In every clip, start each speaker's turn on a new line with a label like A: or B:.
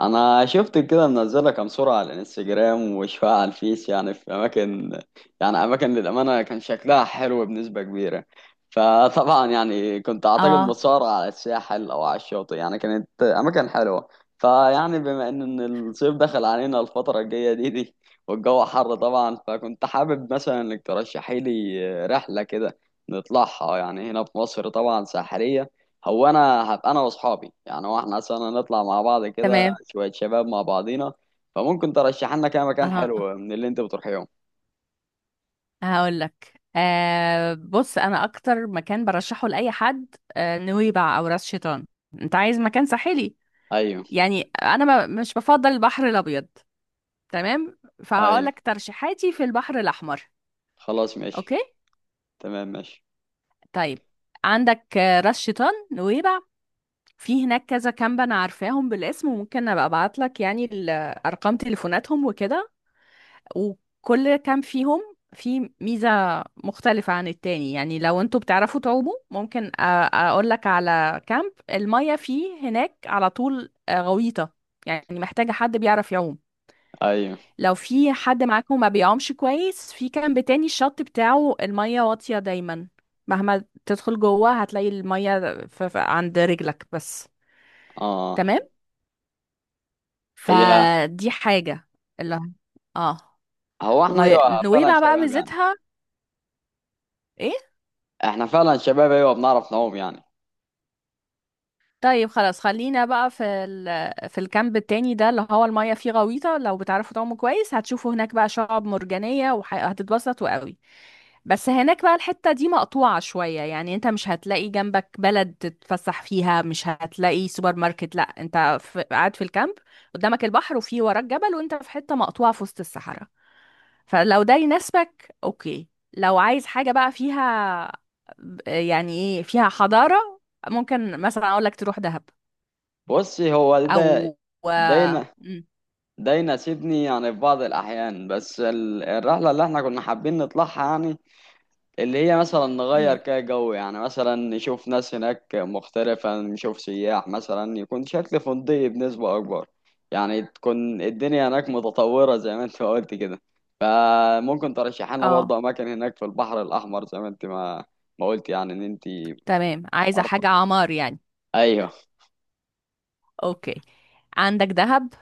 A: انا شفت كده منزله كام صوره على الانستجرام وشويه على الفيس، يعني في اماكن. يعني اماكن للامانه كان شكلها حلو بنسبه كبيره. فطبعا يعني كنت اعتقد
B: اه.
A: متصورة على الساحل او على الشاطئ، يعني كانت اماكن حلوه. فيعني بما ان الصيف دخل علينا الفتره الجايه دي والجو حر طبعا، فكنت حابب مثلا انك ترشحي لي رحله كده نطلعها يعني هنا في مصر طبعا ساحليه. هو انا هبقى انا واصحابي، يعني هو احنا مثلا نطلع مع بعض كده
B: تمام.
A: شوية شباب مع بعضينا. فممكن ترشح لنا كام مكان
B: اها.
A: حلو من اللي انت بتروحيهم.
B: هقول لك بص، انا اكتر مكان برشحه لاي حد نويبع او راس شيطان. انت عايز مكان ساحلي؟
A: ايوه.
B: يعني انا ما مش بفضل البحر الابيض. تمام. فهقول
A: ايوه،
B: لك ترشيحاتي في البحر الاحمر.
A: خلاص
B: اوكي.
A: ماشي. تمام ماشي.
B: طيب. عندك راس شيطان، نويبع. في هناك كذا كامب انا عارفاهم بالاسم، وممكن ابقى ابعت لك يعني ارقام تليفوناتهم وكده. وكل كام فيهم في ميزة مختلفة عن التاني. يعني لو انتوا بتعرفوا تعوموا ممكن اقول لك على كامب المية فيه هناك على طول غويطة. يعني محتاجة حد بيعرف يعوم.
A: ايوه.
B: لو في حد معاكم ما بيعومش كويس، في كامب تاني الشط بتاعه المية واطية دايما، مهما تدخل جوه هتلاقي المية عند رجلك بس.
A: اه.
B: تمام.
A: هي.
B: فدي حاجة اللي اه.
A: هو احنا ايوه فعلا
B: ونويبع بقى
A: شباب يعني،
B: ميزتها ايه؟
A: احنا فعلا شباب ايوه بنعرف نعوم يعني.
B: طيب. خلاص، خلينا بقى في الكامب التاني ده اللي هو المية فيه غويطة. لو بتعرفوا تعوموا كويس هتشوفوا هناك بقى شعاب مرجانية، وهتتبسطوا قوي. بس هناك بقى الحتة دي مقطوعة شوية، يعني انت مش هتلاقي جنبك بلد تتفسح فيها، مش هتلاقي سوبر ماركت، لا، انت قاعد في الكامب، قدامك البحر وفي وراك جبل، وانت في حتة مقطوعة في وسط الصحراء. فلو ده يناسبك اوكي. لو عايز حاجة بقى فيها يعني ايه، فيها حضارة، ممكن مثلا اقول لك تروح دهب
A: بصي، هو
B: او
A: ده.
B: و...
A: ده
B: مم.
A: ده يناسبني يعني في بعض الاحيان، بس الرحلة اللي احنا كنا حابين نطلعها يعني، اللي هي مثلا نغير
B: مم.
A: كده جو. يعني مثلا نشوف ناس هناك مختلفة، نشوف سياح، مثلا يكون شكل فندقي بنسبة أكبر. يعني تكون الدنيا هناك متطورة زي ما انت ما قلت كده. فممكن ترشح لنا
B: اه.
A: برضه أماكن هناك في البحر الأحمر زي ما انت ما قلت، يعني إن انت
B: تمام. عايزه
A: عارفة.
B: حاجه عمار يعني.
A: أيوه.
B: اوكي. عندك دهب،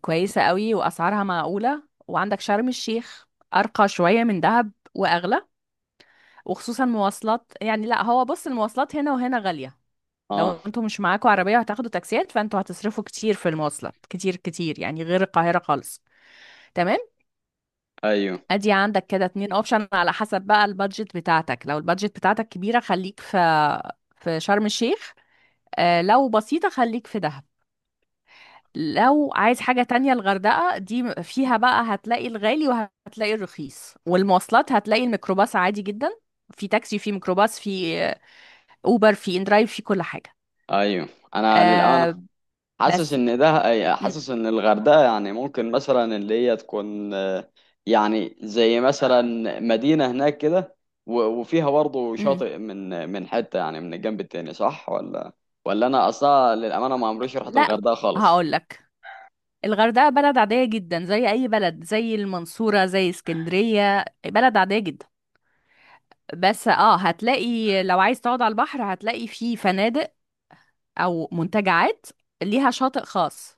B: كويسه قوي واسعارها معقوله. وعندك شرم الشيخ، ارقى شويه من دهب واغلى، وخصوصا مواصلات. يعني لا، هو بص، المواصلات هنا وهنا غاليه. لو
A: أه.
B: انتوا مش معاكوا عربيه وهتاخدوا تاكسيات، فانتوا هتصرفوا كتير في المواصلات، كتير كتير يعني، غير القاهره خالص. تمام.
A: أيوه
B: ادي عندك كده اتنين اوبشن على حسب بقى البادجت بتاعتك. لو البادجت بتاعتك كبيرة، خليك في شرم الشيخ. لو بسيطة خليك في دهب. لو عايز حاجة تانية، الغردقة دي فيها بقى هتلاقي الغالي وهتلاقي الرخيص. والمواصلات هتلاقي الميكروباص عادي جدا، في تاكسي، في ميكروباص، في اوبر، في اندرايف، في كل حاجة.
A: أيوه. أنا للأمانة
B: آه.
A: حاسس
B: بس.
A: ان ده،
B: مم.
A: حاسس ان الغردقه يعني ممكن مثلا اللي هي تكون آه، يعني زي مثلا مدينه هناك كده. وفيها برضه
B: مم.
A: شاطئ من حته، يعني من الجنب التاني، صح ولا؟ ولا انا اصلا للامانه ما عمريش رحت
B: لا،
A: الغردقه خالص.
B: هقول لك، الغردقة بلد عادية جدا زي أي بلد، زي المنصورة، زي اسكندرية، بلد عادية جدا. بس هتلاقي، لو عايز تقعد على البحر هتلاقي فيه فنادق او منتجعات ليها شاطئ خاص.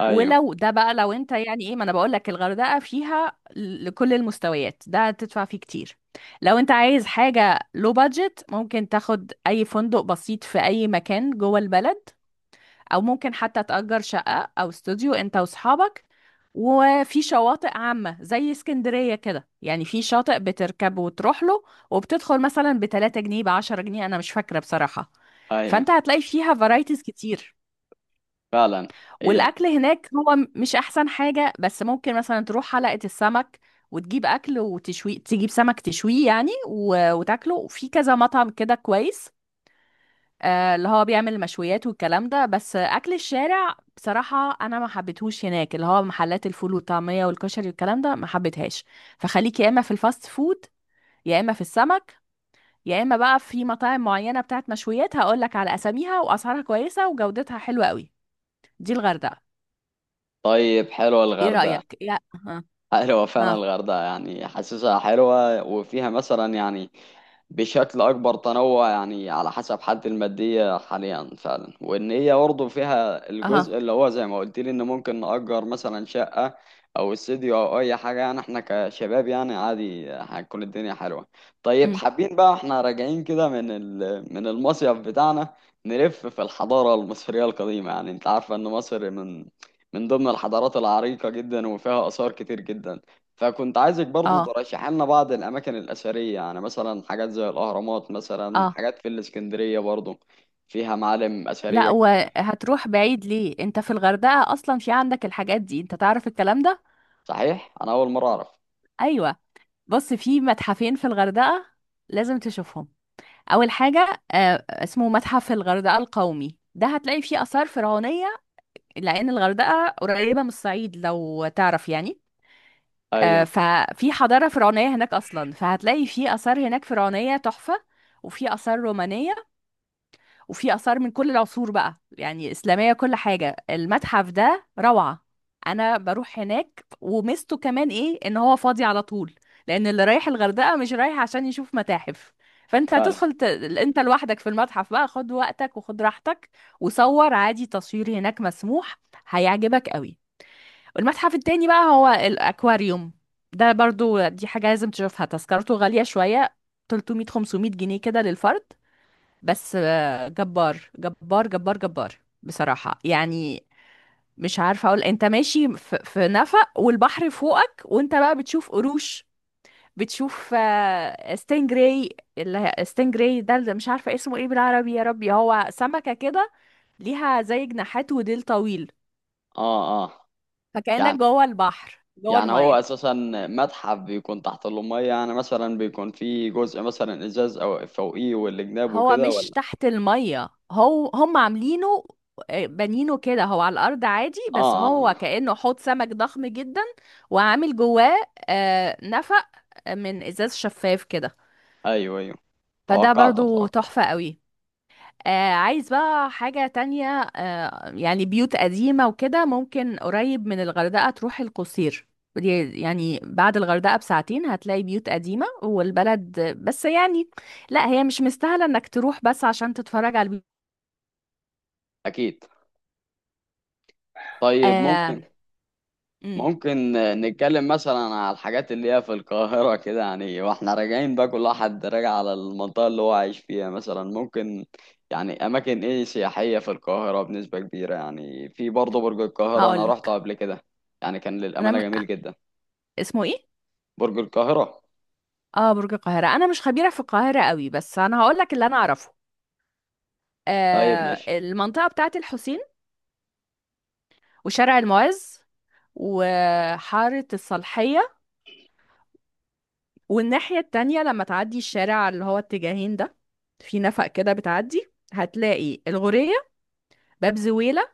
A: ايوه.
B: ولو ده بقى، لو انت يعني ايه، ما انا بقول لك الغردقه فيها لكل المستويات، ده تدفع فيه كتير. لو انت عايز حاجه، لو بادجت، ممكن تاخد اي فندق بسيط في اي مكان جوه البلد، او ممكن حتى تأجر شقة او استوديو انت واصحابك. وفي شواطئ عامة زي اسكندرية كده، يعني في شاطئ بتركب وتروح له، وبتدخل مثلا بتلاتة جنيه، بعشرة جنيه، انا مش فاكرة بصراحة.
A: ايوه
B: فانت هتلاقي فيها فرايتيز كتير.
A: فعلا. هي.
B: والاكل هناك هو مش احسن حاجة، بس ممكن مثلا تروح حلقة السمك وتجيب اكل وتشوي، تجيب سمك تشويه يعني وتاكله، وفي كذا مطعم كده كويس، اللي هو بيعمل المشويات والكلام ده. بس اكل الشارع بصراحه انا ما حبيتهوش هناك، اللي هو محلات الفول والطعميه والكشري والكلام ده ما حبيتهاش. فخليك يا اما في الفاست فود، يا اما في السمك، يا اما بقى في مطاعم معينه بتاعت مشويات، هقول لك على اساميها، واسعارها كويسه وجودتها حلوه قوي. دي الغردقه.
A: طيب حلوه
B: ايه
A: الغردقه.
B: رايك يا اه.
A: حلوه فعلا
B: اه.
A: الغردقه، يعني حاسسها حلوه وفيها مثلا يعني بشكل أكبر تنوع، يعني على حسب حالتي المادية حاليا فعلا، وإن هي برضه فيها
B: اه.
A: الجزء اللي هو زي ما قلت لي إن ممكن نأجر مثلا شقة أو استديو أو أي حاجة. يعني إحنا كشباب يعني عادي، هتكون الدنيا حلوة. طيب
B: أمم.
A: حابين بقى إحنا راجعين كده من من المصيف بتاعنا نلف في الحضارة المصرية القديمة. يعني أنت عارفة إن مصر من من ضمن الحضارات العريقة جدا وفيها آثار كتير جدا. فكنت عايزك برضه
B: اه.
A: ترشح لنا بعض الأماكن الأثرية، يعني مثلا حاجات زي الأهرامات مثلا،
B: اه.
A: حاجات في الإسكندرية برضه فيها معالم
B: لا،
A: أثرية كتيرة.
B: وهتروح بعيد ليه؟ انت في الغردقه اصلا في عندك الحاجات دي، انت تعرف الكلام ده.
A: صحيح؟ أنا أول مرة أعرف.
B: ايوه. بص، في متحفين في الغردقة لازم تشوفهم. أول حاجة اسمه متحف الغردقة القومي، ده هتلاقي فيه آثار فرعونية، لأن الغردقة قريبة من الصعيد لو تعرف يعني.
A: أيوه
B: ففي حضارة فرعونية هناك أصلا، فهتلاقي فيه آثار هناك فرعونية تحفة. وفي آثار رومانية، وفي آثار من كل العصور بقى يعني، إسلامية، كل حاجة. المتحف ده روعة، أنا بروح هناك. وميزته كمان إيه، إن هو فاضي على طول، لأن اللي رايح الغردقة مش رايح عشان يشوف متاحف. فأنت
A: فعلا.
B: هتدخل، أنت لوحدك في المتحف بقى، خد وقتك وخد راحتك، وصور عادي، تصوير هناك مسموح. هيعجبك قوي. المتحف التاني بقى هو الأكواريوم. ده برضو دي حاجة لازم تشوفها، تذكرته غالية شوية، 300 500 جنيه كده للفرد. بس جبار جبار جبار جبار بصراحة يعني. مش عارفة أقول، أنت ماشي في نفق والبحر فوقك، وأنت بقى بتشوف قروش، بتشوف ستينجراي، اللي هي ستينجراي ده اللي مش عارفة اسمه ايه بالعربي يا ربي. هو سمكة كده، ليها زي جناحات وديل طويل.
A: آه آه.
B: فكأنك
A: يعني
B: جوه البحر جوه
A: يعني هو
B: المية.
A: أساسا متحف بيكون تحت المية؟ يعني مثلا بيكون فيه جزء مثلا إزاز أو فوقيه والجناب
B: هو
A: وكده،
B: مش
A: ولا؟
B: تحت المية، هو هم عاملينه بانينه كده، هو على الأرض عادي،
A: آه
B: بس
A: آه
B: هو
A: آه.
B: كأنه حوض سمك ضخم جدا، وعامل جواه نفق من إزاز شفاف كده.
A: أيوه أيوه،
B: فده
A: توقعته
B: برضو
A: توقعته.
B: تحفة قوي. عايز بقى حاجة تانية، يعني بيوت قديمة وكده، ممكن قريب من الغردقة تروح القصير، يعني بعد الغردقة بساعتين هتلاقي بيوت قديمة والبلد، بس يعني لا، هي مش مستاهلة انك تروح بس عشان تتفرج على البيوت.
A: أكيد. طيب
B: آه
A: ممكن،
B: امم
A: ممكن نتكلم مثلا على الحاجات اللي هي في القاهرة كده، يعني واحنا راجعين بقى كل واحد راجع على المنطقة اللي هو عايش فيها. مثلا ممكن يعني أماكن إيه سياحية في القاهرة بنسبة كبيرة. يعني في برضه برج القاهرة أنا روحته
B: هقولك
A: قبل كده، يعني كان
B: انا
A: للأمانة
B: م...
A: جميل جدا.
B: اسمه ايه؟
A: برج القاهرة.
B: اه. برج القاهره، انا مش خبيره في القاهره قوي، بس انا هقولك اللي انا اعرفه.
A: طيب ماشي.
B: المنطقه بتاعه الحسين، وشارع المعز، وحاره الصالحيه، والناحيه التانية لما تعدي الشارع اللي هو اتجاهين ده، في نفق كده بتعدي، هتلاقي الغورية، باب زويلة،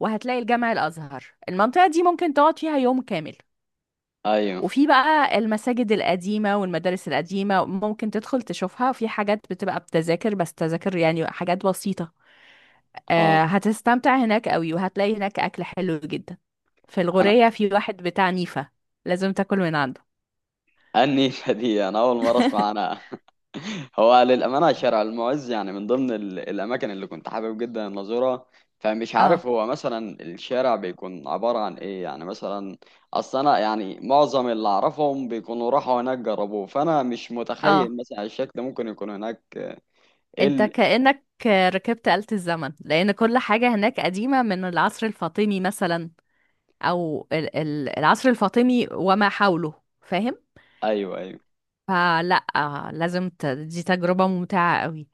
B: وهتلاقي الجامع الأزهر. المنطقة دي ممكن تقعد فيها يوم كامل.
A: أيوه.
B: وفي بقى المساجد القديمة والمدارس القديمة ممكن تدخل تشوفها، وفي حاجات بتبقى بتذاكر، بس تذاكر يعني، حاجات بسيطة.
A: أه.
B: هتستمتع هناك قوي، وهتلاقي هناك أكل حلو جدا. في
A: أنا.
B: الغورية في واحد بتاع نيفة، لازم تاكل من عنده.
A: النيشة دي أنا أول مرة أسمع عنها. هو للأمانة شارع المعز يعني من ضمن الأماكن اللي كنت حابب جدا إن أزورها، فمش عارف
B: اه.
A: هو مثلا الشارع بيكون عبارة عن إيه يعني مثلا. أصل أنا يعني معظم اللي أعرفهم بيكونوا راحوا هناك جربوه، فأنا مش
B: اه.
A: متخيل مثلا الشكل ممكن يكون هناك إيه
B: انت كأنك ركبت آلة الزمن، لأن كل حاجة هناك قديمة من العصر الفاطمي مثلا، أو العصر الفاطمي وما حوله. فاهم؟
A: أيوه أيوه.
B: فلا، دي تجربة ممتعة قوي،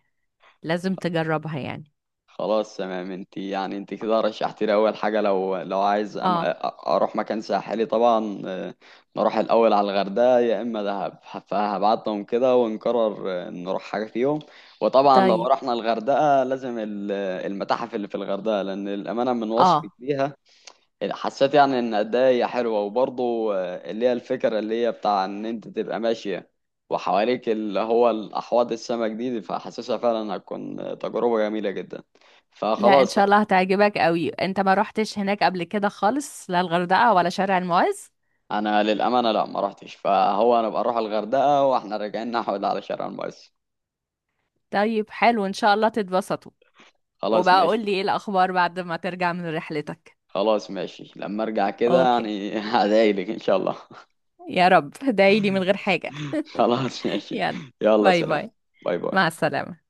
B: لازم تجربها يعني.
A: خلاص تمام، انت يعني انت كده رشحت لي اول حاجه لو عايز
B: اه.
A: اروح مكان ساحلي طبعا آه، نروح الاول على الغردقه يا اما دهب، فهبعتهم كده ونقرر آه، نروح حاجه فيهم. وطبعا لو
B: طيب.
A: رحنا الغردقه لازم المتاحف اللي في الغردقه، لان الامانه من وصفك
B: اه.
A: ليها حسيت يعني ان قد ايه هي حلوه. وبرضه آه، اللي هي الفكره اللي هي بتاع ان انت تبقى ماشيه وحواليك اللي هو الاحواض السمك دي، فحاسسها فعلا هتكون آه، تجربه جميله جدا.
B: لا، ان
A: فخلاص،
B: شاء الله هتعجبك قوي. انت ما روحتش هناك قبل كده خالص، لا الغردقة ولا شارع المعز.
A: انا للامانه لا ما رحتش. فهو انا بقى اروح الغردقه، واحنا راجعين نحود على شارع المقص.
B: طيب، حلو، ان شاء الله تتبسطوا.
A: خلاص
B: وبقى قول
A: ماشي.
B: لي ايه الاخبار بعد ما ترجع من رحلتك.
A: خلاص ماشي، لما ارجع كده
B: اوكي.
A: يعني هدايلك ان شاء الله.
B: يا رب دعيلي من غير حاجة.
A: خلاص ماشي.
B: يلا.
A: يلا
B: باي
A: سلام.
B: باي.
A: باي
B: مع
A: باي.
B: السلامة.